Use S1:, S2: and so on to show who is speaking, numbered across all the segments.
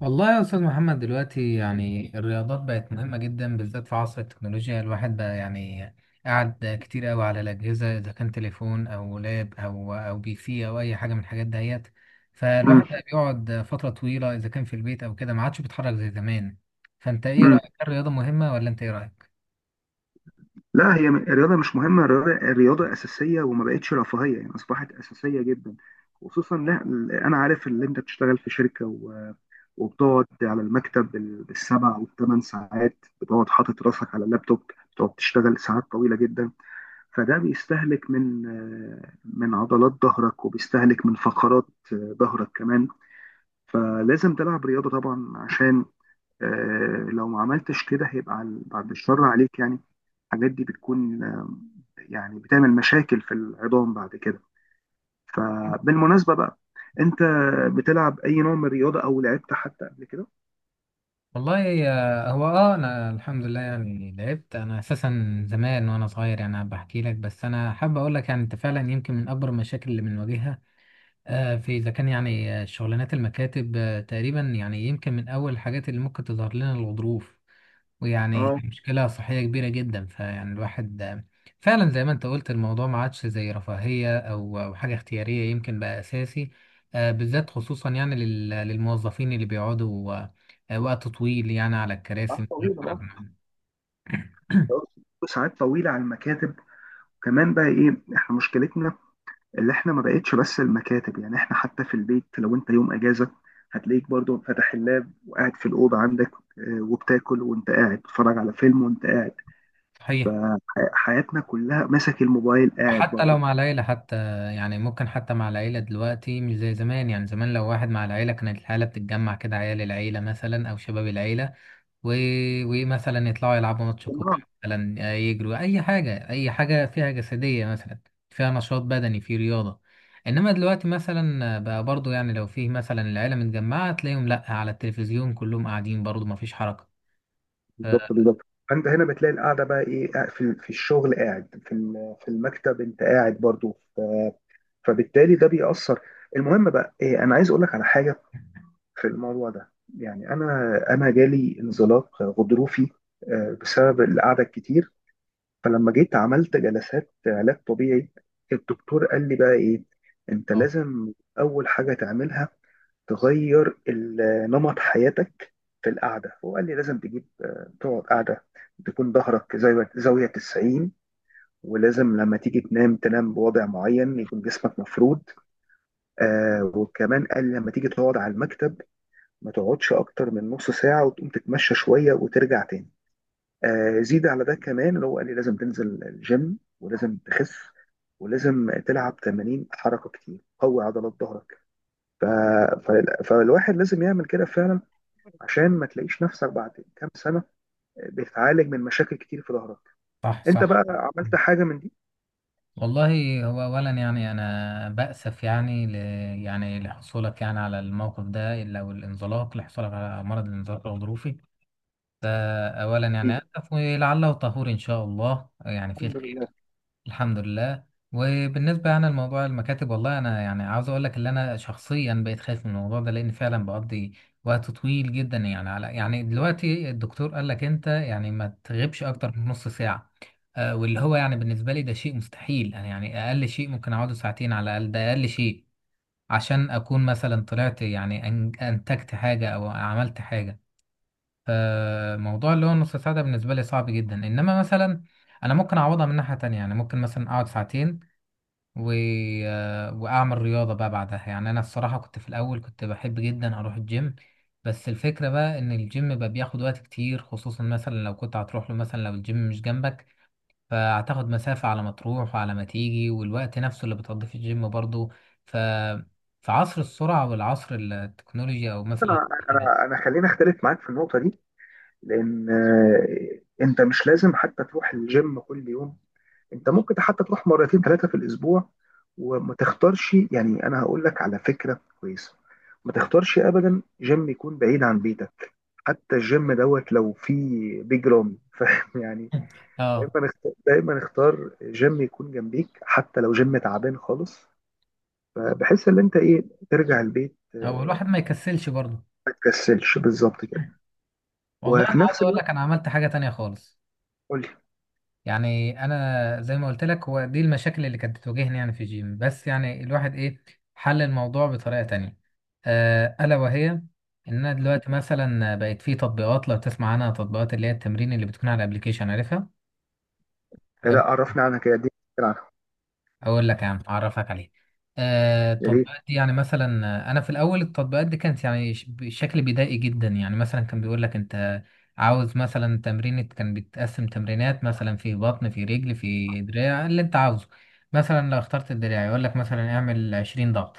S1: والله يا أستاذ محمد، دلوقتي يعني الرياضات بقت مهمة جدا، بالذات في عصر التكنولوجيا. الواحد بقى يعني قاعد كتير أوي على الأجهزة، إذا كان تليفون أو لاب أو PC أو أي حاجة من الحاجات دهيت. فالواحد
S2: مم.
S1: بقى بيقعد فترة طويلة، إذا كان في البيت أو كده، ما عادش بيتحرك زي زمان. فأنت إيه
S2: مم.
S1: رأيك، هل الرياضة مهمة، ولا أنت إيه رأيك؟
S2: لا، الرياضة مش مهمة. الرياضة أساسية وما بقتش رفاهية، يعني أصبحت أساسية جدا، خصوصا لا. أنا عارف إن أنت بتشتغل في شركة وبتقعد على المكتب بالسبع والثمان ساعات، بتقعد حاطط راسك على اللابتوب، بتقعد تشتغل ساعات طويلة جدا. فده بيستهلك من من عضلات ظهرك، وبيستهلك من فقرات ظهرك كمان. فلازم تلعب رياضة طبعا، عشان لو ما عملتش كده هيبقى بعد الشر عليك يعني. الحاجات دي بتكون يعني بتعمل مشاكل في العظام بعد كده. فبالمناسبة بقى، انت بتلعب اي نوع من الرياضة، او لعبت حتى قبل كده؟
S1: والله هو انا الحمد لله. يعني لعبت انا اساسا زمان وانا صغير، يعني بحكي لك. بس انا حابب اقول لك يعني انت فعلا يمكن من اكبر المشاكل اللي بنواجهها في، إذا كان يعني شغلانات المكاتب، تقريبا يعني يمكن من أول الحاجات اللي ممكن تظهر لنا الغضروف. ويعني
S2: اه،
S1: مشكلة صحية كبيرة جدا. فيعني الواحد فعلا زي ما أنت قلت الموضوع ما عادش زي رفاهية أو حاجة اختيارية، يمكن بقى أساسي، بالذات خصوصا يعني للموظفين اللي بيقعدوا وقت طويل يعني على
S2: ساعات
S1: الكراسي.
S2: طويلة، اه، ساعات طويلة على المكاتب. كمان بقى ايه احنا مشكلتنا، اللي احنا ما بقتش بس المكاتب، يعني احنا حتى في البيت لو انت يوم اجازة هتلاقيك برضو فاتح اللاب وقاعد في الأوضة عندك، وبتاكل وانت قاعد، بتتفرج على فيلم وانت قاعد.
S1: صحيح.
S2: فحياتنا كلها ماسك الموبايل قاعد
S1: وحتى لو
S2: برضه.
S1: مع العيلة حتى، يعني ممكن حتى مع العيلة دلوقتي مش زي زمان. يعني زمان لو واحد مع العيلة كانت العيلة بتتجمع كده، عيال العيلة مثلا أو شباب العيلة و... ومثلا يطلعوا يلعبوا ماتش كورة،
S2: آه،
S1: مثلا يجروا أي حاجة، أي حاجة فيها جسدية مثلا، فيها نشاط بدني، في رياضة. إنما دلوقتي مثلا بقى برضو، يعني لو فيه مثلا العيلة متجمعة، تلاقيهم لأ على التلفزيون كلهم قاعدين، برضو مفيش حركة. آه،
S2: بالظبط بالظبط. فانت هنا بتلاقي القعده بقى ايه، قاعد في الشغل، قاعد في في المكتب، انت قاعد برضو، فبالتالي ده بيأثر. المهم بقى إيه، انا عايز اقول لك على حاجه في الموضوع ده. يعني انا جالي انزلاق غضروفي بسبب القعده الكتير. فلما جيت عملت جلسات علاج طبيعي، الدكتور قال لي بقى ايه، انت
S1: آه،
S2: لازم اول حاجه تعملها، تغير نمط حياتك في القعدة. هو قال لي لازم تجيب تقعد قعدة تكون ظهرك زاوية زاوية 90، ولازم لما تيجي تنام، تنام بوضع معين يكون جسمك مفرود. آه، وكمان قال لما تيجي تقعد على المكتب، ما تقعدش أكتر من نص ساعة، وتقوم تتمشى شوية وترجع تاني. آه، زيد على ده كمان اللي هو قال لي لازم تنزل الجيم، ولازم تخس، ولازم تلعب تمارين حركة كتير قوي عضلات ظهرك. ف... ف... فالواحد لازم يعمل كده فعلا، عشان ما تلاقيش نفسك بعد كام سنة بتعالج من مشاكل كتير في ظهرك.
S1: صح،
S2: انت
S1: صح.
S2: بقى عملت حاجة من دي؟
S1: والله، هو اولا يعني انا بأسف يعني يعني لحصولك، يعني على الموقف ده، الا والانزلاق، لحصولك على مرض الانزلاق الغضروفي ده. اولا يعني
S2: أكيد.
S1: اسف، ولعله طهور ان شاء الله، يعني في
S2: الحمد
S1: الخير.
S2: لله.
S1: الحمد لله. وبالنسبة يعني لموضوع المكاتب، والله أنا يعني عاوز أقول لك إن أنا شخصيا بقيت خايف من الموضوع ده، لأن فعلا بقضي وقت طويل جدا يعني على، يعني دلوقتي الدكتور قال لك أنت يعني ما تغيبش أكتر من نص ساعة. واللي هو يعني بالنسبة لي ده شيء مستحيل. أنا يعني أقل شيء ممكن أقعده ساعتين على الأقل، ده أقل شيء، عشان أكون مثلا طلعت يعني أنتجت حاجة أو عملت حاجة. فموضوع اللي هو نص ساعة ده بالنسبة لي صعب جدا. إنما مثلا أنا ممكن أعوضها من ناحية تانية، يعني ممكن مثلا أقعد ساعتين و... آه، واعمل رياضه بقى بعدها. يعني انا الصراحه كنت في الاول كنت بحب جدا اروح الجيم، بس الفكره بقى ان الجيم بقى بياخد وقت كتير، خصوصا مثلا لو كنت هتروح له، مثلا لو الجيم مش جنبك فهتاخد مسافه على ما تروح وعلى ما تيجي، والوقت نفسه اللي بتقضيه في الجيم برضه. ف في عصر السرعه والعصر التكنولوجيا او مثلا
S2: انا خليني اختلف معاك في النقطة دي، لان انت مش لازم حتى تروح الجيم كل يوم. انت ممكن حتى تروح مرتين ثلاثة في الاسبوع. وما تختارش، يعني انا هقول لك على فكرة كويسة، ما تختارش ابدا جيم يكون بعيد عن بيتك، حتى الجيم دوت لو فيه بيج رامي فاهم يعني.
S1: اه
S2: دايما اختار جيم يكون جنبيك، حتى لو جيم تعبان خالص، بحيث ان انت ايه، ترجع البيت.
S1: او الواحد ما يكسلش برضه.
S2: ما تكسلش بالظبط كده.
S1: والله انا
S2: وفي
S1: عاوز
S2: نفس
S1: اقول
S2: الوقت
S1: لك انا عملت حاجه تانية خالص.
S2: قول لي.
S1: يعني انا زي ما قلت لك، هو دي المشاكل اللي كانت بتواجهني يعني في الجيم، بس يعني الواحد ايه، حل الموضوع بطريقة تانية، الا وهي ان انا دلوقتي مثلا بقت في تطبيقات، لو تسمع عنها، تطبيقات اللي هي التمرين اللي بتكون على الابليكيشن عارفها.
S2: لا، عرفني عنها كده دي، عنها،
S1: اقول لك يا عم اعرفك عليه.
S2: يا ريت.
S1: التطبيقات دي يعني مثلا انا في الاول التطبيقات دي كانت يعني بشكل بدائي جدا. يعني مثلا كان بيقول لك انت عاوز مثلا تمرين، كان بتقسم تمرينات مثلا في بطن، في رجل، في دراع، اللي انت عاوزه. مثلا لو اخترت الدراع يقول لك مثلا اعمل 20 ضغط،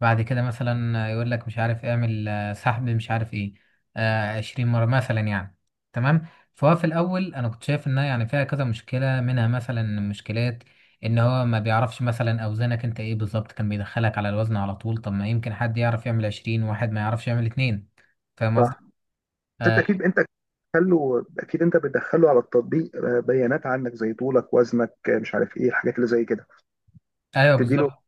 S1: بعد كده مثلا يقول لك مش عارف اعمل سحب مش عارف ايه، 20 مرة مثلا يعني. تمام. فهو في الاول انا كنت شايف انها يعني فيها كذا مشكله، منها مثلا مشكله ان هو ما بيعرفش مثلا اوزانك انت ايه بالظبط، كان بيدخلك على الوزن على طول. طب ما يمكن حد يعرف يعمل 20 واحد ما يعرفش يعمل اتنين، فاهم قصدي؟
S2: صح. بس انت
S1: آه،
S2: اكيد، انت بتدخله، اكيد انت بتدخله على التطبيق بيانات عنك زي طولك، وزنك، مش عارف ايه الحاجات اللي زي كده،
S1: ايوه،
S2: بتديله،
S1: بالظبط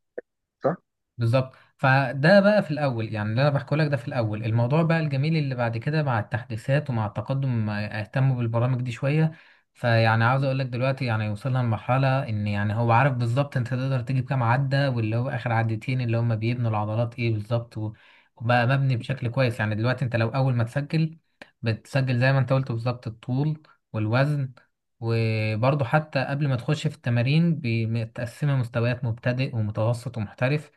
S2: صح؟
S1: بالظبط. فده بقى في الاول يعني اللي انا بحكي لك ده في الاول. الموضوع بقى الجميل اللي بعد كده، مع التحديثات ومع التقدم، ما اهتموا بالبرامج دي شويه. فيعني عاوز اقول لك دلوقتي يعني وصلنا لمرحله ان يعني هو عارف بالظبط انت تقدر تجيب كام عده، واللي هو اخر عدتين اللي هم بيبنوا العضلات ايه بالظبط، وبقى مبني بشكل كويس. يعني دلوقتي انت لو اول ما تسجل بتسجل زي ما انت قلت بالظبط الطول والوزن. وبرضه حتى قبل ما تخش في التمارين، متقسمه مستويات مبتدئ ومتوسط ومحترف.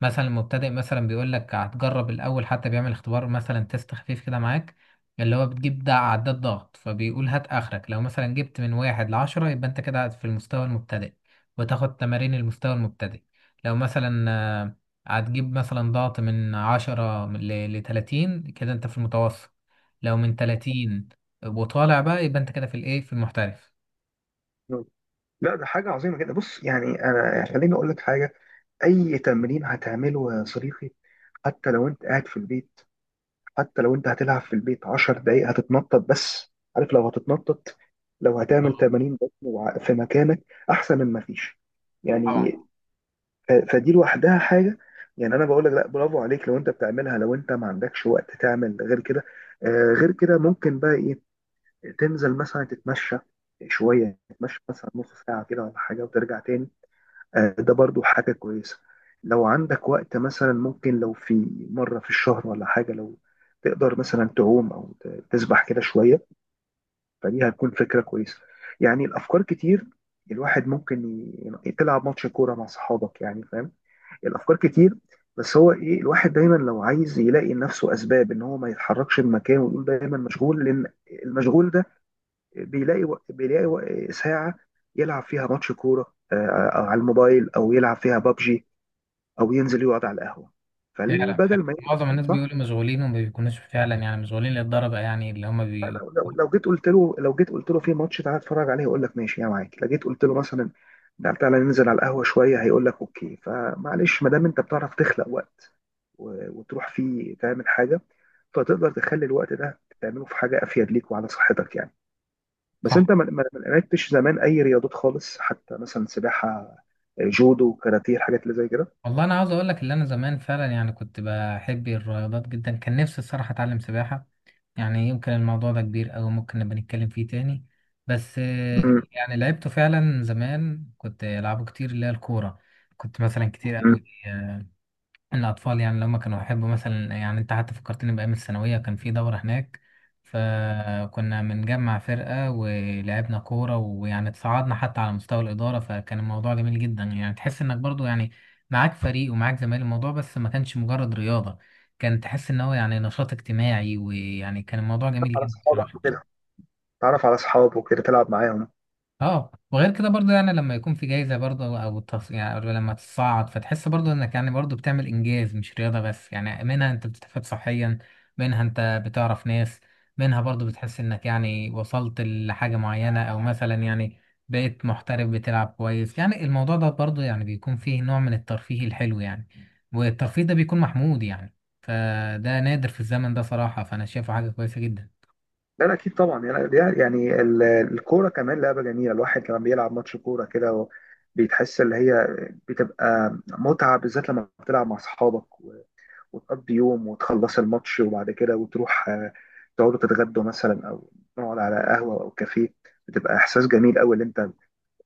S1: مثلا المبتدئ مثلا بيقول لك هتجرب الاول، حتى بيعمل اختبار مثلا تيست خفيف كده معاك، اللي هو بتجيب ده عداد ضغط، فبيقول هات اخرك. لو مثلا جبت من واحد لعشرة يبقى انت كده في المستوى المبتدئ، وتاخد تمارين المستوى المبتدئ. لو مثلا هتجيب مثلا ضغط من عشرة لتلاتين كده انت في المتوسط. لو من تلاتين وطالع بقى يبقى انت كده في الايه، في المحترف.
S2: مم. لا، ده حاجه عظيمه جدا. بص يعني، انا يعني خليني اقول لك حاجه. اي تمرين هتعمله يا صديقي، حتى لو انت قاعد في البيت، حتى لو انت هتلعب في البيت 10 دقايق هتتنطط، بس عارف لو هتتنطط، لو هتعمل
S1: آه،
S2: 80 بطن في مكانك، احسن من ما فيش يعني.
S1: طبعا.
S2: فدي لوحدها حاجه. يعني انا بقول لك، لا، برافو عليك لو انت بتعملها. لو انت ما عندكش وقت تعمل غير كده، آه، غير كده ممكن بقى ايه، تنزل مثلا تتمشى شويه، تتمشى مثلا نص ساعه كده ولا حاجه وترجع تاني. آه، ده برضو حاجة كويسة. لو عندك وقت مثلا، ممكن لو في مرة في الشهر ولا حاجة، لو تقدر مثلا تعوم، أو تسبح كده شوية، فدي هتكون فكرة كويسة. يعني الأفكار كتير. الواحد ممكن تلعب ماتش كورة مع صحابك يعني، فاهم؟ الأفكار كتير. بس هو إيه، الواحد دايما لو عايز يلاقي لنفسه أسباب إن هو ما يتحركش من مكانه، ويقول دايما مشغول. لأن المشغول ده بيلاقي ساعة يلعب فيها ماتش كورة على الموبايل، او يلعب فيها بابجي، او ينزل يقعد على القهوه.
S1: فعلا،
S2: فالبدل
S1: فعلا
S2: ما
S1: معظم
S2: ينزل،
S1: الناس
S2: صح،
S1: بيقولوا مشغولين، وما بيكونوش فعلا يعني مشغولين للدرجة يعني اللي هم.
S2: لو جيت قلت له، لو جيت قلت له في ماتش تعالى اتفرج عليه، يقول لك ماشي يا معاك. لو جيت قلت له مثلا، لا تعالى ننزل على القهوه شويه، هيقول لك اوكي. فمعلش، ما دام انت بتعرف تخلق وقت وتروح فيه تعمل حاجه، فتقدر تخلي الوقت ده تعمله في حاجه افيد ليك وعلى صحتك يعني. بس
S1: صح.
S2: انت ما لعبتش زمان اي رياضات خالص، حتى مثلا سباحه، جودو، كاراتيه، الحاجات اللي زي كده؟
S1: والله انا عاوز اقول لك اللي انا زمان فعلا يعني كنت بحب الرياضات جدا. كان نفسي الصراحه اتعلم سباحه، يعني يمكن الموضوع ده كبير أوي ممكن نبقى نتكلم فيه تاني. بس
S2: امم.
S1: يعني لعبته فعلا زمان كنت العبه كتير، اللي هي الكوره. كنت مثلا كتير قوي الأطفال يعني لما كانوا يحبوا مثلا، يعني أنت حتى فكرتني بأيام الثانوية. كان في دورة هناك، فكنا بنجمع فرقة ولعبنا كورة، ويعني اتصعدنا حتى على مستوى الإدارة، فكان الموضوع جميل جدا. يعني تحس إنك برضو يعني معاك فريق ومعاك زمايل، الموضوع بس ما كانش مجرد رياضة، كان تحس إن هو يعني نشاط اجتماعي، ويعني كان الموضوع جميل
S2: على
S1: جدا
S2: اصحابك
S1: بصراحة.
S2: وكده، تعرف على اصحابك وكده تلعب معاهم.
S1: اه، وغير كده برضو، يعني لما يكون في جايزة برضو او يعني أو لما تصعد فتحس برضو انك يعني برضو بتعمل انجاز، مش رياضة بس. يعني منها انت بتستفاد صحيا، منها انت بتعرف ناس، منها برضو بتحس انك يعني وصلت لحاجة معينة، او مثلا يعني بقيت محترف بتلعب كويس. يعني الموضوع ده برضو يعني بيكون فيه نوع من الترفيه الحلو يعني، والترفيه ده بيكون محمود يعني. فده نادر في الزمن ده صراحة، فانا شايفه حاجة كويسة جدا.
S2: لا لا اكيد طبعا، يعني يعني يعني الكوره كمان لعبه جميله. الواحد لما بيلعب ماتش كوره كده، بيتحس اللي هي، بتبقى متعه، بالذات لما بتلعب مع اصحابك، وتقضي يوم وتخلص الماتش، وبعد كده وتروح تقعدوا تتغدوا مثلا، او نقعد على قهوه او كافيه. بتبقى احساس جميل قوي اللي انت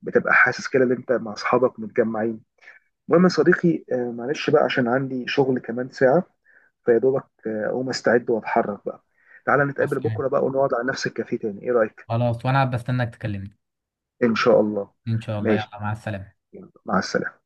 S2: بتبقى حاسس كده ان انت مع اصحابك متجمعين. المهم يا صديقي، معلش بقى عشان عندي شغل كمان ساعه، فيا دوبك اقوم استعد واتحرك بقى. تعالى نتقابل
S1: حصل.
S2: بكره بقى، ونقعد على نفس الكافيه تاني، ايه رايك؟
S1: خلاص وانا بستناك تكلمني.
S2: ان شاء الله.
S1: ان شاء الله،
S2: ماشي،
S1: يلا مع السلامة.
S2: مع السلامه.